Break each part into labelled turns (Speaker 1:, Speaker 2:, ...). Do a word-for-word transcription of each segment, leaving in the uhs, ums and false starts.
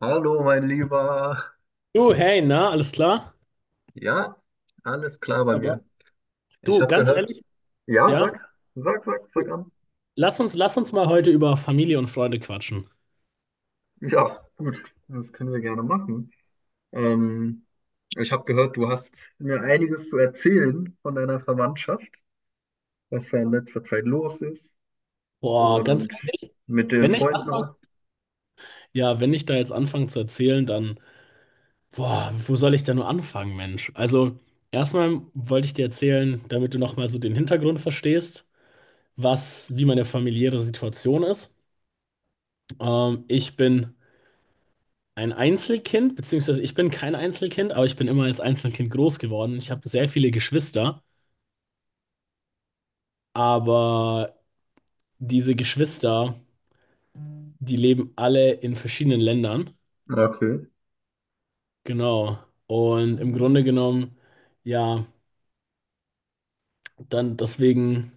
Speaker 1: Hallo, mein Lieber.
Speaker 2: Du, hey, na, alles klar?
Speaker 1: Ja, alles klar bei
Speaker 2: Aber
Speaker 1: mir. Ich
Speaker 2: du,
Speaker 1: habe
Speaker 2: ganz
Speaker 1: gehört.
Speaker 2: ehrlich,
Speaker 1: Ja,
Speaker 2: ja,
Speaker 1: sag, sag, sag, sag an.
Speaker 2: lass uns, lass uns mal heute über Familie und Freunde quatschen.
Speaker 1: Ja, gut, das können wir gerne machen. Ähm, ich habe gehört, du hast mir einiges zu erzählen von deiner Verwandtschaft, was da in letzter Zeit los ist
Speaker 2: Boah, ganz
Speaker 1: und
Speaker 2: ehrlich,
Speaker 1: mit den
Speaker 2: wenn ich
Speaker 1: Freunden
Speaker 2: anfange,
Speaker 1: auch.
Speaker 2: ja, wenn ich da jetzt anfange zu erzählen, dann, boah, wo soll ich da nur anfangen, Mensch? Also, erstmal wollte ich dir erzählen, damit du nochmal so den Hintergrund verstehst, was, wie meine familiäre Situation ist. Ähm, ich bin ein Einzelkind, beziehungsweise ich bin kein Einzelkind, aber ich bin immer als Einzelkind groß geworden. Ich habe sehr viele Geschwister, aber diese Geschwister, die leben alle in verschiedenen Ländern.
Speaker 1: Okay.
Speaker 2: Genau. Und im Grunde genommen, ja, dann deswegen,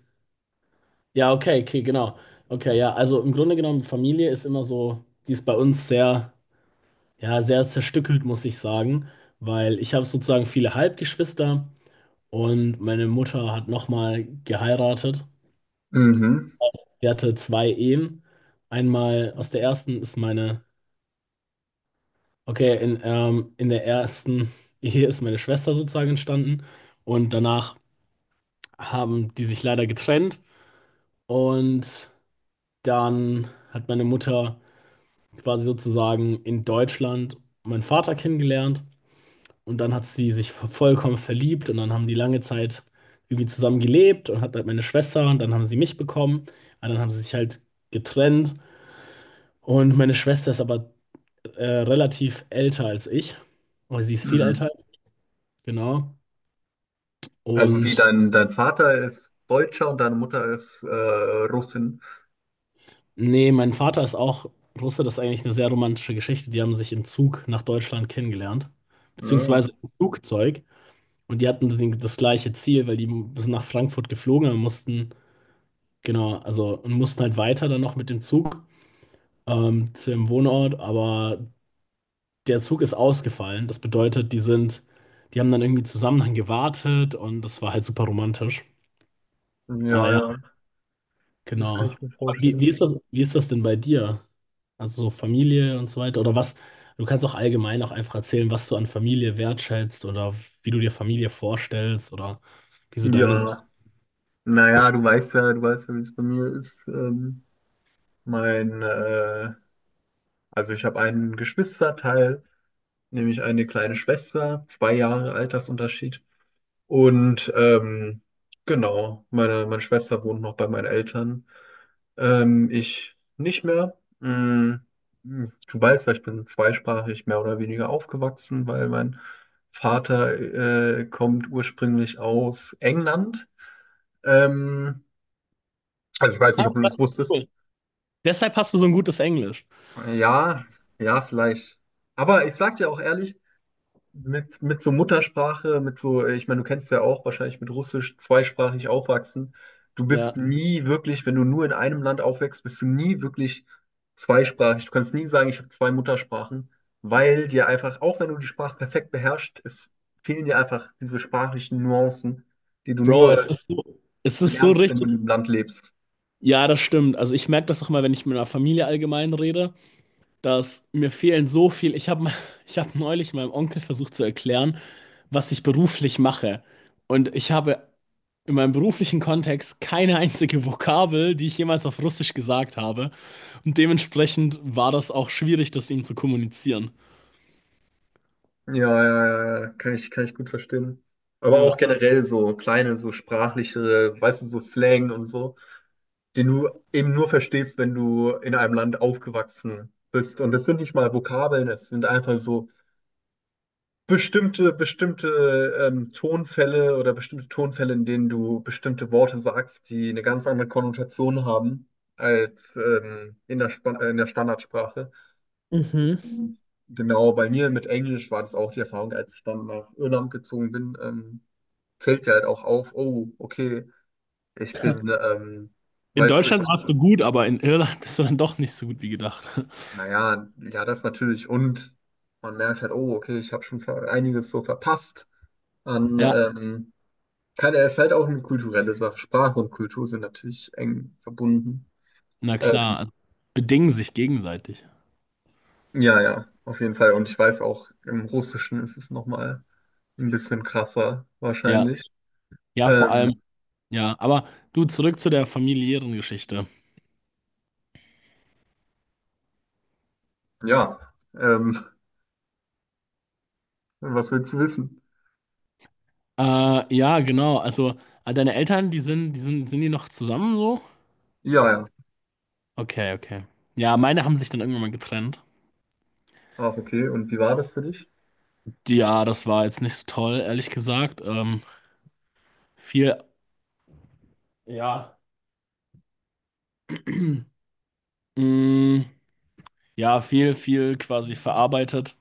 Speaker 2: ja, okay, okay, genau. Okay, ja, also im Grunde genommen, Familie ist immer so, die ist bei uns sehr, ja, sehr zerstückelt, muss ich sagen, weil ich habe sozusagen viele Halbgeschwister und meine Mutter hat nochmal geheiratet.
Speaker 1: Mhm.
Speaker 2: Sie hatte zwei Ehen. Einmal aus der ersten ist meine, okay, in, ähm, in der ersten Ehe ist meine Schwester sozusagen entstanden und danach haben die sich leider getrennt und dann hat meine Mutter quasi sozusagen in Deutschland meinen Vater kennengelernt. Und dann hat sie sich vollkommen verliebt und dann haben die lange Zeit irgendwie zusammen gelebt und hat halt meine Schwester und dann haben sie mich bekommen. Und dann haben sie sich halt getrennt. Und meine Schwester ist aber äh, relativ älter als ich. Oder sie ist viel
Speaker 1: Mhm.
Speaker 2: älter als ich, genau.
Speaker 1: Also wie
Speaker 2: Und
Speaker 1: dein, dein Vater ist Deutscher und deine Mutter ist äh, Russin.
Speaker 2: nee, mein Vater ist auch Russe. Das ist eigentlich eine sehr romantische Geschichte. Die haben sich im Zug nach Deutschland kennengelernt.
Speaker 1: Ja,
Speaker 2: Beziehungsweise im Flugzeug. Und die hatten den- das gleiche Ziel, weil die sind nach Frankfurt geflogen und mussten, genau, also und mussten halt weiter dann noch mit dem Zug ähm, zu ihrem Wohnort, aber der Zug ist ausgefallen. Das bedeutet, die sind, die haben dann irgendwie zusammen dann gewartet und das war halt super romantisch. Aber
Speaker 1: ja,
Speaker 2: ja,
Speaker 1: ja. Das kann
Speaker 2: genau.
Speaker 1: ich mir
Speaker 2: Aber Wie, wie
Speaker 1: vorstellen.
Speaker 2: ist das, wie ist das denn bei dir? Also so Familie und so weiter oder was? Du kannst auch allgemein auch einfach erzählen, was du an Familie wertschätzt oder wie du dir Familie vorstellst oder wie so deine.
Speaker 1: Ja, naja, du weißt ja, du weißt ja, wie es bei mir ist. Ähm, mein, äh, also ich habe einen Geschwisterteil, nämlich eine kleine Schwester, zwei Jahre Altersunterschied. Und ähm, genau, meine, meine Schwester wohnt noch bei meinen Eltern. Ähm, ich nicht mehr. Mm, mm, Du weißt ja, ich bin zweisprachig mehr oder weniger aufgewachsen, weil mein Vater äh, kommt ursprünglich aus England. Ähm, also ich weiß
Speaker 2: Ah,
Speaker 1: nicht, ob du
Speaker 2: das
Speaker 1: das
Speaker 2: ist
Speaker 1: wusstest.
Speaker 2: cool. Deshalb hast du so ein gutes Englisch.
Speaker 1: Ja, ja, vielleicht. Aber ich sag dir auch ehrlich, mit, mit so Muttersprache, mit so, äh, ich meine, du kennst ja auch wahrscheinlich mit Russisch zweisprachig aufwachsen. Du bist
Speaker 2: Ja.
Speaker 1: nie wirklich, wenn du nur in einem Land aufwächst, bist du nie wirklich zweisprachig. Du kannst nie sagen, ich habe zwei Muttersprachen, weil dir einfach, auch wenn du die Sprache perfekt beherrschst, es fehlen dir einfach diese sprachlichen Nuancen, die du
Speaker 2: Bro, es
Speaker 1: nur
Speaker 2: ist so, es ist so
Speaker 1: lernst, wenn du in
Speaker 2: richtig.
Speaker 1: einem Land lebst.
Speaker 2: Ja, das stimmt. Also ich merke das auch mal, wenn ich mit meiner Familie allgemein rede, dass mir fehlen so viel. Ich habe ich hab neulich meinem Onkel versucht zu erklären, was ich beruflich mache. Und ich habe in meinem beruflichen Kontext keine einzige Vokabel, die ich jemals auf Russisch gesagt habe. Und dementsprechend war das auch schwierig, das ihm zu kommunizieren.
Speaker 1: Ja, ja, ja, ja, kann ich, kann ich gut verstehen. Aber
Speaker 2: Ja.
Speaker 1: auch generell so kleine, so sprachlichere, weißt du, so Slang und so, den du eben nur verstehst, wenn du in einem Land aufgewachsen bist. Und das sind nicht mal Vokabeln, es sind einfach so bestimmte, bestimmte ähm, Tonfälle oder bestimmte Tonfälle, in denen du bestimmte Worte sagst, die eine ganz andere Konnotation haben als ähm, in der Span äh, in der Standardsprache.
Speaker 2: Mhm.
Speaker 1: Mhm. Genau, bei mir mit Englisch war das auch die Erfahrung, als ich dann nach Irland gezogen bin, ähm, fällt dir halt auch auf, oh, okay, ich bin, ähm,
Speaker 2: In
Speaker 1: weißt du, ich
Speaker 2: Deutschland warst du gut, aber in Irland bist du dann doch nicht so gut wie gedacht.
Speaker 1: Naja, ja, ja, das natürlich. Und man merkt halt, oh, okay, ich habe schon ver- einiges so verpasst an,
Speaker 2: Ja.
Speaker 1: ähm, keine, es ist halt auch eine kulturelle Sache. Sprache und Kultur sind natürlich eng verbunden.
Speaker 2: Na
Speaker 1: Ähm,
Speaker 2: klar, also bedingen sich gegenseitig.
Speaker 1: ja, ja, auf jeden Fall. Und ich weiß auch, im Russischen ist es nochmal ein bisschen krasser,
Speaker 2: Ja,
Speaker 1: wahrscheinlich.
Speaker 2: ja, vor allem,
Speaker 1: Ähm,
Speaker 2: ja. Aber du, zurück zu der familiären Geschichte.
Speaker 1: ja, ähm, was willst du wissen?
Speaker 2: Äh, ja, genau. Also, äh, deine Eltern, die sind, die sind, sind die noch zusammen so?
Speaker 1: Ja, ja.
Speaker 2: Okay, okay. Ja, meine haben sich dann irgendwann mal getrennt.
Speaker 1: Ach, okay. Und wie war das für dich?
Speaker 2: Ja, das war jetzt nicht so toll, ehrlich gesagt. Ähm, viel, ja, mh, ja, viel, viel quasi verarbeitet.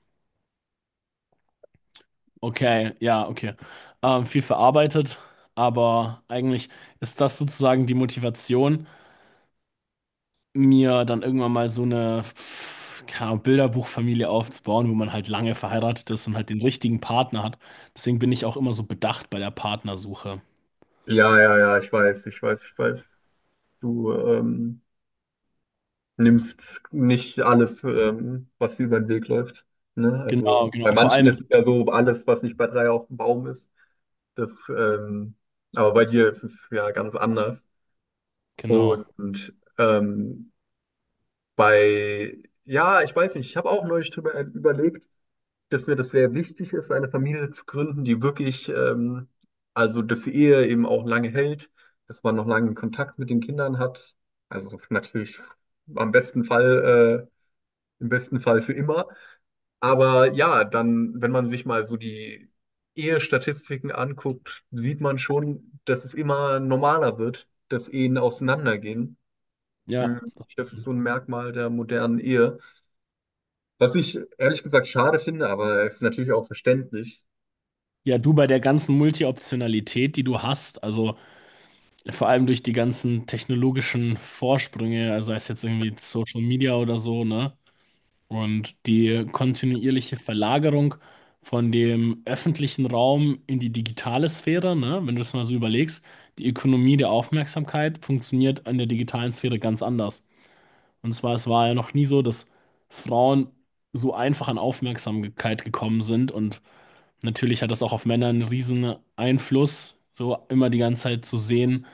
Speaker 2: Okay, ja, okay. Ähm, viel verarbeitet, aber eigentlich ist das sozusagen die Motivation, mir dann irgendwann mal so eine, keine Ahnung, Bilderbuchfamilie aufzubauen, wo man halt lange verheiratet ist und halt den richtigen Partner hat. Deswegen bin ich auch immer so bedacht bei der Partnersuche.
Speaker 1: Ja, ja, ja, ich weiß, ich weiß, ich weiß. Du, ähm, nimmst nicht alles, ähm, was dir über den Weg läuft. Ne? Also
Speaker 2: Genau,
Speaker 1: bei
Speaker 2: genau, vor
Speaker 1: manchen
Speaker 2: allem,
Speaker 1: ist es ja so, alles, was nicht bei drei auf dem Baum ist. Das, ähm, aber bei dir ist es ja ganz anders.
Speaker 2: genau,
Speaker 1: Und ähm, bei, ja, ich weiß nicht, ich habe auch neulich drüber überlegt, dass mir das sehr wichtig ist, eine Familie zu gründen, die wirklich, ähm, also dass die Ehe eben auch lange hält, dass man noch lange Kontakt mit den Kindern hat. Also natürlich am besten Fall. Äh, im besten Fall für immer. Aber ja, dann, wenn man sich mal so die Ehestatistiken anguckt, sieht man schon, dass es immer normaler wird, dass Ehen auseinandergehen.
Speaker 2: ja.
Speaker 1: Mhm. Das ist so ein Merkmal der modernen Ehe. Was ich ehrlich gesagt schade finde, aber es ist natürlich auch verständlich.
Speaker 2: Ja, du bei der ganzen Multi-Optionalität, die du hast, also vor allem durch die ganzen technologischen Vorsprünge, also sei es jetzt irgendwie Social Media oder so, ne? Und die kontinuierliche Verlagerung von dem öffentlichen Raum in die digitale Sphäre, ne, wenn du das mal so überlegst, die Ökonomie der Aufmerksamkeit funktioniert in der digitalen Sphäre ganz anders. Und zwar, es war ja noch nie so, dass Frauen so einfach an Aufmerksamkeit gekommen sind. Und natürlich hat das auch auf Männer einen riesen Einfluss, so immer die ganze Zeit zu sehen,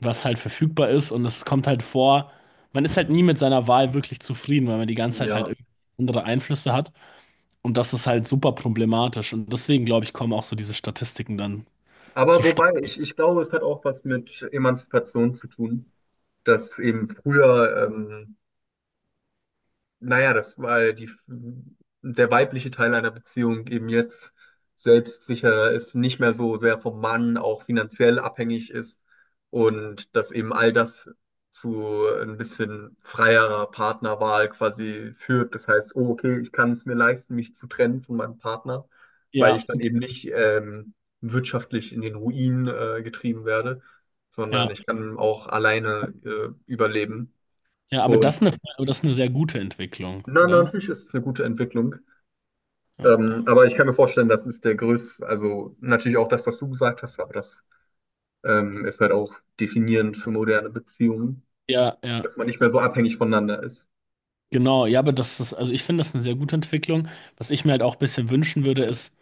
Speaker 2: was halt verfügbar ist. Und es kommt halt vor, man ist halt nie mit seiner Wahl wirklich zufrieden, weil man die ganze Zeit halt
Speaker 1: Ja.
Speaker 2: irgendwie andere Einflüsse hat. Und das ist halt super problematisch. Und deswegen, glaube ich, kommen auch so diese Statistiken dann
Speaker 1: Aber
Speaker 2: zustande.
Speaker 1: wobei, ich, ich glaube, es hat auch was mit Emanzipation zu tun, dass eben früher ähm, naja, das weil die, der weibliche Teil einer Beziehung eben jetzt selbstsicherer ist, nicht mehr so sehr vom Mann auch finanziell abhängig ist und dass eben all das zu ein bisschen freierer Partnerwahl quasi führt. Das heißt, oh, okay, ich kann es mir leisten, mich zu trennen von meinem Partner, weil ich
Speaker 2: Ja,
Speaker 1: dann eben nicht ähm, wirtschaftlich in den Ruin äh, getrieben werde, sondern
Speaker 2: ja,
Speaker 1: ich kann auch alleine äh, überleben.
Speaker 2: ja, aber
Speaker 1: Und
Speaker 2: das ist eine, aber das ist eine sehr gute Entwicklung,
Speaker 1: na, na,
Speaker 2: oder?
Speaker 1: natürlich ist es eine gute Entwicklung.
Speaker 2: Ja,
Speaker 1: Ähm, aber ich kann mir vorstellen, das ist der größte, also natürlich auch das, was du gesagt hast, aber das ähm, ist halt auch definierend für moderne Beziehungen,
Speaker 2: ja, ja,
Speaker 1: dass man nicht mehr so abhängig voneinander ist.
Speaker 2: genau. Ja, aber das ist, also ich finde das eine sehr gute Entwicklung. Was ich mir halt auch ein bisschen wünschen würde, ist,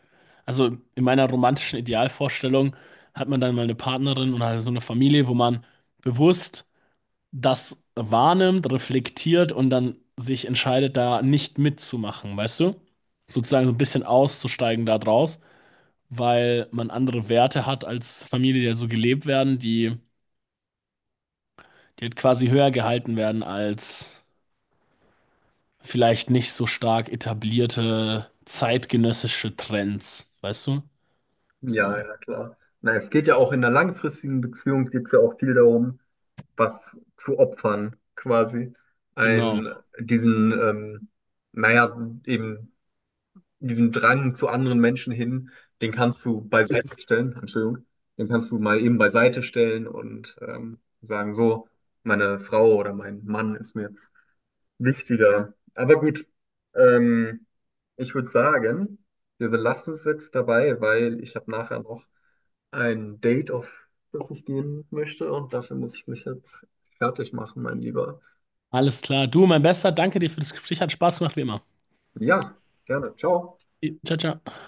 Speaker 2: also in meiner romantischen Idealvorstellung hat man dann mal eine Partnerin und halt so eine Familie, wo man bewusst das wahrnimmt, reflektiert und dann sich entscheidet, da nicht mitzumachen, weißt du? Sozusagen so ein bisschen auszusteigen da draus, weil man andere Werte hat als Familie, die ja so gelebt werden, die, die halt quasi höher gehalten werden als vielleicht nicht so stark etablierte zeitgenössische Trends, weißt du?
Speaker 1: Ja,
Speaker 2: So,
Speaker 1: ja, klar. Na, es geht ja auch in einer langfristigen Beziehung, geht es ja auch viel darum, was zu opfern, quasi.
Speaker 2: genau.
Speaker 1: Ein, diesen, ähm, naja, eben diesen Drang zu anderen Menschen hin, den kannst du beiseite stellen, Entschuldigung, den kannst du mal eben beiseite stellen und ähm, sagen, so, meine Frau oder mein Mann ist mir jetzt wichtiger. Aber gut, ähm, ich würde sagen, wir belassen es jetzt dabei, weil ich habe nachher noch ein Date, auf das ich gehen möchte und dafür muss ich mich jetzt fertig machen, mein Lieber.
Speaker 2: Alles klar. Du, mein Bester, danke dir für das Gespräch, hat Spaß gemacht wie immer.
Speaker 1: Ja, gerne. Ciao.
Speaker 2: Ciao, ciao.